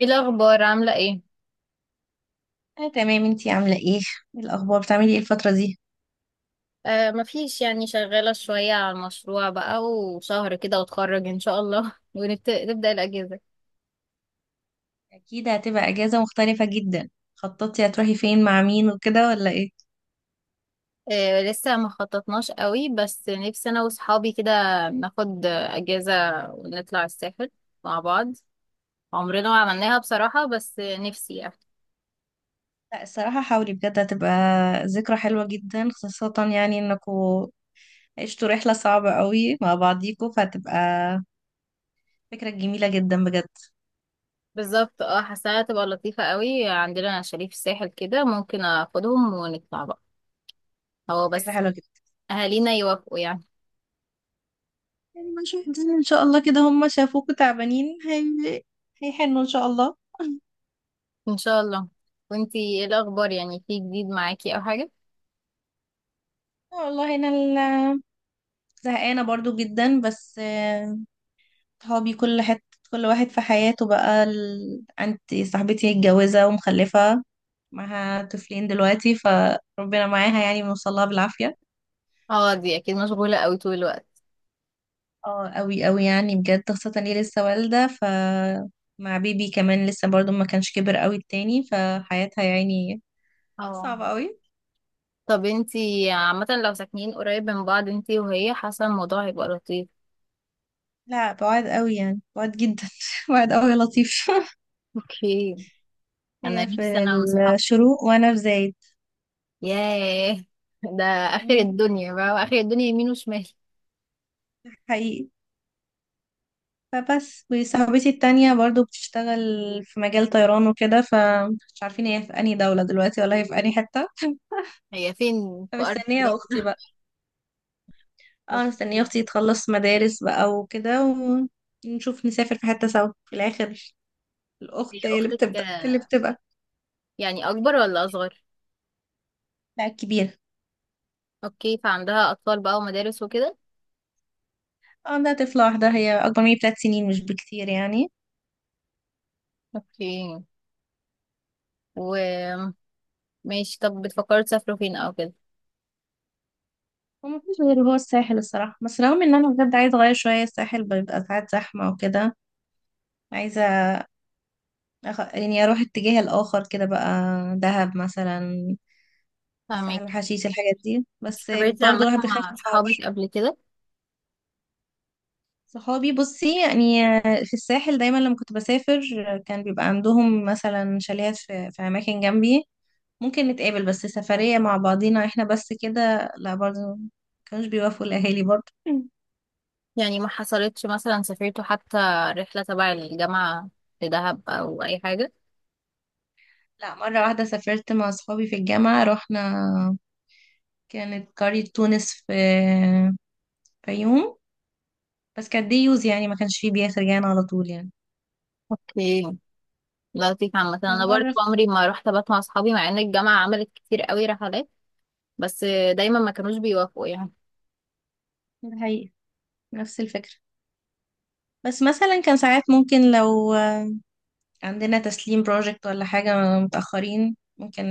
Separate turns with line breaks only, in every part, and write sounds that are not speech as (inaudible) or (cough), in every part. ايه الاخبار؟ عامله ايه؟
أنا تمام، انتي عاملة ايه؟ ايه الأخبار، بتعملي ايه الفترة دي؟
آه، مفيش، يعني شغاله شويه على المشروع بقى، وشهر كده واتخرج ان شاء الله (laughs) ونبدا الاجازه.
أكيد هتبقى أجازة مختلفة جدا. خططتي هتروحي فين مع مين وكده ولا ايه؟
آه، لسه ما خططناش قوي، بس نفسي انا واصحابي كده ناخد اجازه ونطلع الساحل مع بعض، عمرنا ما عملناها بصراحه، بس نفسي يعني.
لا الصراحة حاولي بجد، هتبقى ذكرى حلوة جدا، خاصة يعني انكوا عشتوا رحلة صعبة قوي مع بعضيكوا، فهتبقى فكرة جميلة جدا بجد.
بالظبط، حاساها تبقى لطيفه قوي، عندنا شاليه في الساحل كده ممكن اخدهم ونطلع بقى، هو
فكرة
بس
حلوة جدا.
اهالينا يوافقوا يعني.
يعني مشاهدين ان شاء الله كده هم شافوكوا تعبانين، هيحنوا ان شاء الله.
ان شاء الله. وانتي ايه الاخبار؟ يعني في جديد معاكي او حاجه؟
والله انا زهقانة برضو جدا. بس صحابي كل حتة، كل واحد في حياته بقى عندي صاحبتي متجوزة ومخلفة، معاها طفلين دلوقتي، فربنا معاها يعني، بنوصلها بالعافية.
اه، دي اكيد مشغولة قوي طول الوقت.
اه قوي قوي يعني بجد، خاصة اني لسه والدة مع بيبي كمان لسه، برضو ما كانش كبر قوي التاني، فحياتها يعني
اه،
صعبة قوي.
طب انتي عامة لو ساكنين قريب من بعض انتي وهي، حاسة الموضوع هيبقى لطيف.
لا بعاد قوي يعني، بعاد جدا (laughs) بعاد قوي يا لطيف.
اوكي.
(laughs)
انا
هي
نفسي
في
انا واصحابي.
الشروق وانا في زايد.
ياه، ده اخر
مم.
الدنيا بقى، واخر الدنيا يمين وشمال.
حقيقي. فبس، وصاحبتي التانية برضو بتشتغل في مجال طيران وكده، فمش عارفين هي في أنهي دولة دلوقتي ولا هي في أنهي حتة.
هي فين
(laughs)
في ارض
فمستنية أختي
ربنا؟
بقى.
(laughs)
اه مستنية
اوكي.
أختي تخلص مدارس بقى وكده، ونشوف نسافر في حتة سوا في الآخر.
هي
الأخت هي اللي
اختك،
بتبدأ اللي بتبقى.
يعني اكبر ولا اصغر؟
لا كبيرة.
اوكي، فعندها اطفال بقى ومدارس وكده.
اه عندها طفلة واحدة، هي أكبر مني ب3 سنين، مش بكتير يعني.
اوكي، وماشي. طب بتفكروا تسافروا فين او كده؟
ومفيش غير هو الساحل الصراحة، بس رغم إن أنا بجد عايزة أغير شوية، الساحل بيبقى ساعات زحمة وكده. عايزة يعني اروح اتجاه الاخر كده بقى، دهب مثلا، ساحل
فاهمك.
الحشيش، الحاجات دي بس.
سافرتي
برضو
عامة
الواحد بيخاف من
مع
الحر.
صحابك قبل كده؟
صحابي بصي يعني، في الساحل دايما لما كنت بسافر كان بيبقى عندهم مثلا شاليهات في اماكن جنبي، ممكن نتقابل، بس سفرية مع بعضينا احنا بس كده، لا برضو كانوش بيوافقوا الاهالي برضو. مم.
يعني ما حصلتش مثلا سافرتوا حتى رحلة تبع الجامعة لدهب أو أي حاجة؟
لا مرة واحدة سافرت مع صحابي في الجامعة، رحنا كانت قرية تونس في يوم، بس كانت دي يوز يعني، ما كانش فيه بياسر جانا على طول يعني.
اوكي، لطيف عامة. أنا برضو
ومرة
عمري ما رحت أبات مع أصحابي، مع إن الجامعة عملت كتير قوي رحلات، بس دايما ما كانوش بيوافقوا يعني.
في الحقيقة نفس الفكرة، بس مثلا كان ساعات ممكن لو عندنا تسليم بروجكت ولا حاجة متأخرين، ممكن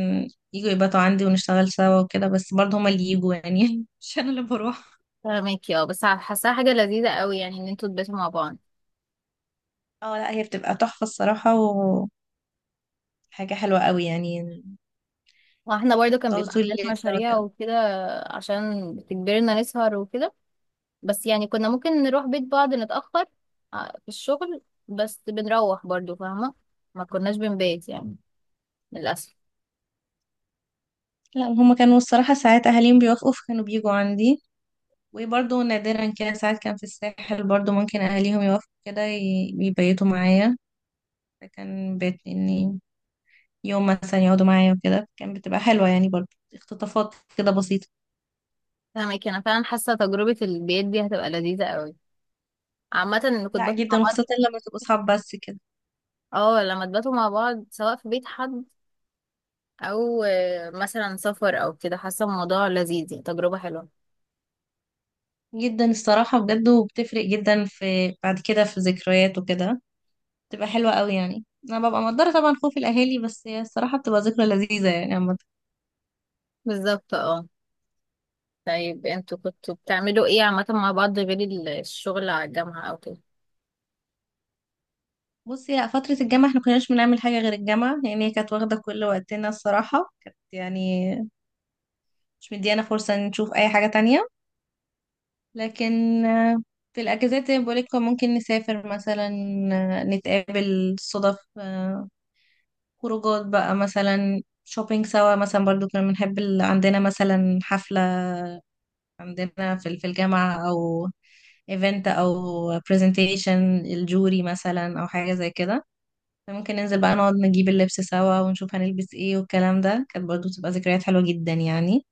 يجوا يباتوا عندي ونشتغل سوا وكده، بس برضه هما اللي يجوا يعني (laughs) مش أنا اللي بروح.
فاهمك. اه، بس حاساها حاجة لذيذة قوي يعني، إن انتوا تباتوا مع بعض.
اه لا هي بتبقى تحفة الصراحة، وحاجة حلوة قوي يعني.
واحنا برضو كان
تقعدوا
بيبقى
طول
عندنا
الليل سوا
مشاريع
كده.
وكده، عشان بتجبرنا نسهر وكده، بس يعني كنا ممكن نروح بيت بعض نتأخر في الشغل، بس بنروح برضو، فاهمة، ما كناش بنبات يعني، للأسف.
لا هما كانوا الصراحة ساعات أهاليهم بيوافقوا، فكانوا بيجوا عندي، وبرضه نادرا كده، ساعات كان في الساحل برضه ممكن أهاليهم يوافقوا كده، يبيتوا معايا، فكان بيت إني يوم مثلا يقعدوا معايا وكده، كان بتبقى حلوة يعني برضه، اختطافات كده بسيطة.
فاهمك، انا فعلا حاسه تجربه البيت دي هتبقى لذيذه قوي، عامه ان كنت
لا
باتوا مع
جدا،
بعض.
وخاصة لما تبقوا صحاب بس كده.
اه، لما تباتوا مع بعض، سواء في بيت حد او مثلا سفر او كده، حاسه الموضوع لذيذ، يعني تجربه حلوه.
جدا الصراحة بجد، وبتفرق جدا في بعد كده في ذكريات وكده، بتبقى حلوة قوي يعني، أنا ببقى مقدرة طبعا خوف الأهالي، بس هي الصراحة بتبقى ذكرى لذيذة يعني عامة.
بالظبط، طيب انتوا كنتوا بتعملوا ايه عامه مع بعض غير الشغل على الجامعه او كده؟
بصي لا فترة الجامعة احنا كناش بنعمل حاجة غير الجامعة يعني، هي كانت واخدة كل وقتنا الصراحة، كانت يعني مش مديانا فرصة إن نشوف أي حاجة تانية. لكن في الأجازات زي ما بقولك ممكن نسافر مثلا، نتقابل صدف، خروجات بقى مثلا، شوبينج سوا مثلا، برضو كنا بنحب عندنا مثلا حفلة عندنا في الجامعة، أو ايفنت، أو برزنتيشن الجوري مثلا، أو حاجة زي كده، ممكن ننزل بقى نقعد نجيب اللبس سوا ونشوف هنلبس ايه، والكلام ده كانت برضو بتبقى ذكريات حلوة جدا يعني.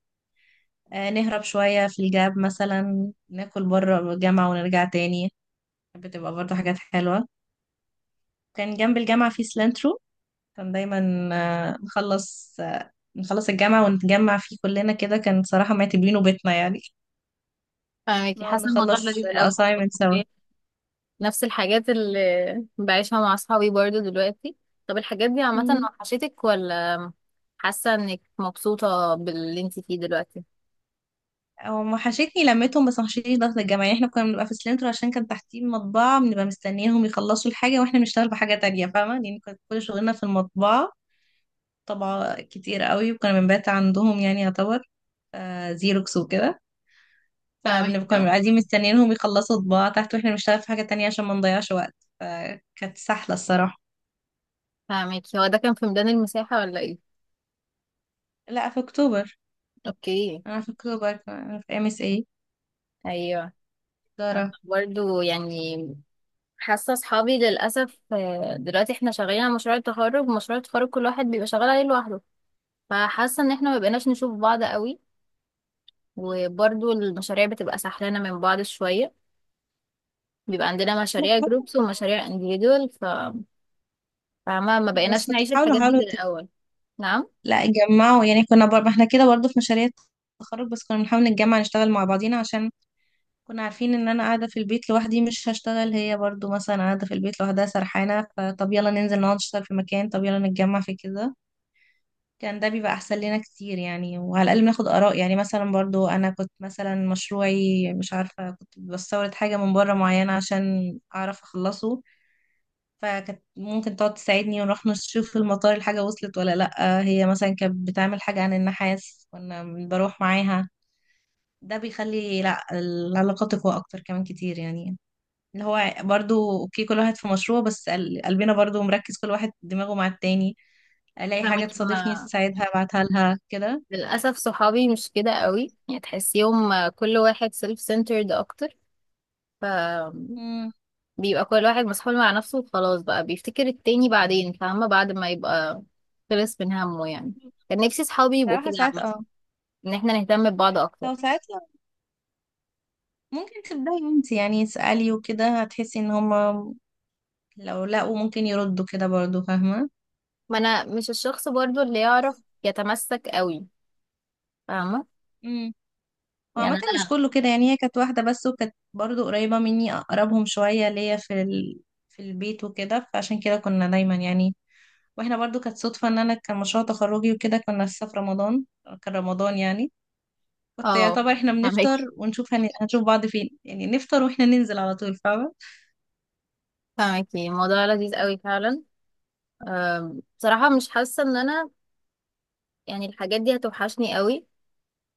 نهرب شوية في الجاب مثلا ناكل بره الجامعة ونرجع تاني، بتبقى برضه حاجات حلوة. كان جنب الجامعة في سلانترو، كان دايما نخلص الجامعة ونتجمع فيه كلنا كده، كان صراحة معتبرينه بيتنا يعني،
فاهمك،
نقعد
حاسه الموضوع
نخلص
لذيذ قوي.
الأسايمنت سوا.
نفس الحاجات اللي بعيشها مع اصحابي برضو دلوقتي. طب الحاجات دي عامه
مم.
وحشتك، ولا حاسه انك مبسوطه باللي انت فيه دلوقتي؟
هو وحشتني لمتهم، بس وحشتني ضغط الجامعة يعني، احنا كنا بنبقى في سلانترو عشان كان تحتيه مطبعة، بنبقى مستنيينهم يخلصوا الحاجة واحنا بنشتغل بحاجة تانية فاهمة يعني، كانت كل شغلنا في المطبعة، طبعة كتير قوي، وكنا بنبات عندهم يعني يعتبر، زيروكس وكده،
فاهمك.
فبنبقى
اه
قاعدين مستنيينهم يخلصوا طباعة تحت واحنا بنشتغل في حاجة تانية عشان ما نضيعش وقت، فكانت سحلة الصراحة.
فاهمك. هو ده كان في ميدان المساحة ولا ايه؟
لا في أكتوبر.
اوكي.
أنا في أكتوبر، أنا في MSA
ايوه. انا
إدارة.
برضو يعني حاسة اصحابي للأسف، دلوقتي احنا شغالين على مشروع التخرج، مشروع التخرج كل واحد بيبقى شغال عليه لوحده، فحاسة ان احنا ما بقيناش نشوف بعض قوي، وبرضو المشاريع بتبقى سحلانة من بعض شوية، بيبقى عندنا
لا،
مشاريع جروبس ومشاريع انديفيدوال فما ما
بس
بقيناش
كنت
نعيش
بحاول
الحاجات دي
أحاول
زي الأول. نعم.
لا جمعوا يعني، كنا ما احنا كده برضه في مشاريع التخرج، بس كنا بنحاول نتجمع نشتغل مع بعضينا عشان كنا عارفين ان انا قاعدة في البيت لوحدي مش هشتغل، هي برضو مثلا قاعدة في البيت لوحدها سرحانة، فطب يلا ننزل نقعد نشتغل في مكان، طب يلا نتجمع في كده، كان ده بيبقى احسن لنا كتير يعني. وعلى الاقل بناخد اراء، يعني مثلا برضو انا كنت مثلا مشروعي، مش عارفة كنت بستورد حاجة من بره معينة عشان اعرف اخلصه، فكانت ممكن تقعد تساعدني ونروح نشوف في المطار الحاجة وصلت ولا لأ، هي مثلا كانت بتعمل حاجة عن النحاس كنا بروح معاها، ده بيخلي لأ العلاقات تقوى اكتر كمان كتير يعني، اللي هو برضو اوكي كل واحد في مشروع، بس قلبنا برضو مركز، كل واحد دماغه مع التاني، الاقي
فاهمك،
حاجة تصادفني
انا
تساعدها ابعتها لها كده.
للأسف صحابي مش كده قوي، يعني تحسيهم كل واحد سيلف سنترد أكتر، ف
امم.
بيبقى كل واحد مسحول مع نفسه وخلاص بقى، بيفتكر التاني بعدين فاهمة، بعد ما يبقى خلص من همه يعني. كان نفسي صحابي يبقوا
صراحة
كده
ساعات
عامة،
اه،
إن احنا نهتم ببعض أكتر.
او ساعات لا، ممكن تبدأي انت يعني اسألي وكده، هتحسي ان هما لو لقوا ممكن يردوا كده برضو فاهمة.
ما أنا مش الشخص برضو اللي يعرف
بس.
يتمسك قوي، فاهمة،
امم.
يعني
وعامة
أنا.
مش كله كده يعني، هي كانت واحدة بس، وكانت برضو قريبة مني اقربهم شوية ليا في البيت وكده، فعشان كده كنا دايما يعني، واحنا برضو كانت صدفة ان انا كان مشروع تخرجي وكده، كنا لسه في رمضان، كان رمضان يعني، كنت
اه،
يعتبر احنا بنفطر
فاهمكي
ونشوف هنشوف بعض فين يعني، نفطر واحنا ننزل على طول فاهمة.
فاهمكي الموضوع لذيذ قوي فعلا. بصراحة مش حاسة إن أنا يعني الحاجات دي هتوحشني قوي.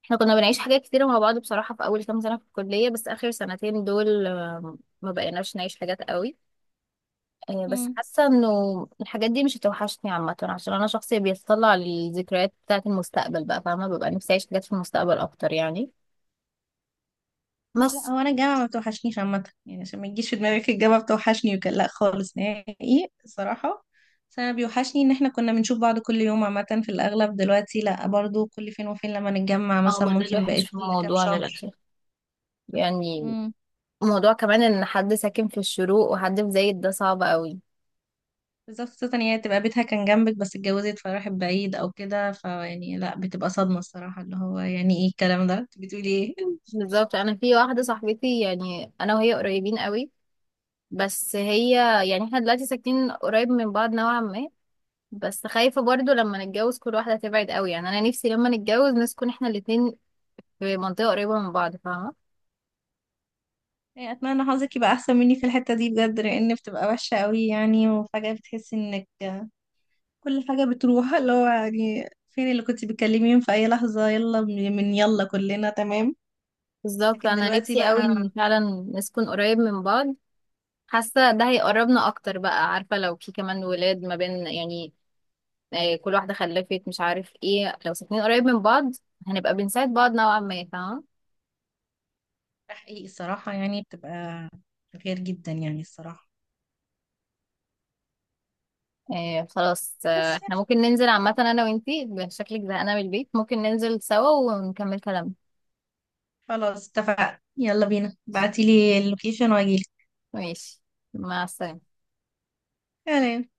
احنا كنا بنعيش حاجات كتيرة مع بعض بصراحة، في أول كام سنة في الكلية، بس آخر سنتين دول، ما بقيناش نعيش حاجات قوي. بس
مم.
حاسة انه الحاجات دي مش هتوحشني عامة، عشان أنا شخص بيتطلع للذكريات بتاعة المستقبل بقى فاهمة، ببقى نفسي أعيش حاجات في المستقبل أكتر يعني. بس
لا هو انا الجامعة ما بتوحشنيش عامة يعني، عشان ما يجيش في دماغك الجامعة بتوحشني، وكان لا خالص نهائي الصراحة. بس انا بيوحشني ان احنا كنا بنشوف بعض كل يوم عامة في الاغلب، دلوقتي لا برضو كل فين وفين لما نتجمع
اه،
مثلا،
ما ده
ممكن
الوحش
بقيت
في
كل كام
الموضوع
شهر.
للأسف، يعني موضوع كمان ان حد ساكن في الشروق وحد في زايد، ده صعب قوي.
بالظبط، خصوصا هي تبقى بيتها كان جنبك بس اتجوزت فراحت بعيد او كده، فيعني لا بتبقى صدمة الصراحة، اللي هو يعني ايه الكلام ده، انت بتقولي ايه؟ (laughs)
بالظبط، انا في واحدة صاحبتي يعني انا وهي قريبين قوي، بس هي يعني احنا دلوقتي ساكنين قريب من بعض نوعا ما، بس خايفة برضو لما نتجوز كل واحدة تبعد قوي، يعني انا نفسي لما نتجوز نسكن احنا الاتنين في منطقة قريبة من بعض، فاهمة.
يعني اتمنى حظك يبقى احسن مني في الحتة دي بجد، لان بتبقى وحشة قوي يعني، وفجأة بتحسي انك كل حاجة بتروح، اللي هو يعني فين اللي كنت بتكلميهم في اي لحظة، يلا من يلا كلنا تمام.
بالظبط،
لكن
انا
دلوقتي
نفسي قوي
بقى،
ان فعلا نسكن قريب من بعض، حاسة ده هيقربنا اكتر بقى، عارفة لو في كمان ولاد ما بين يعني كل واحدة خلفت مش عارف ايه، لو ساكنين قريب من بعض هنبقى بنساعد بعض نوعا ما، فاهمة.
تحقيق الصراحة يعني، بتبقى غير جدا يعني الصراحة.
إيه، خلاص،
بس
احنا ممكن ننزل عامة انا وانتي، شكلك زهقانة من البيت ممكن ننزل سوا ونكمل كلامنا.
خلاص اتفقنا، يلا بينا بعتيلي اللوكيشن واجيلك.
ماشي. مع السلامة.
تمام.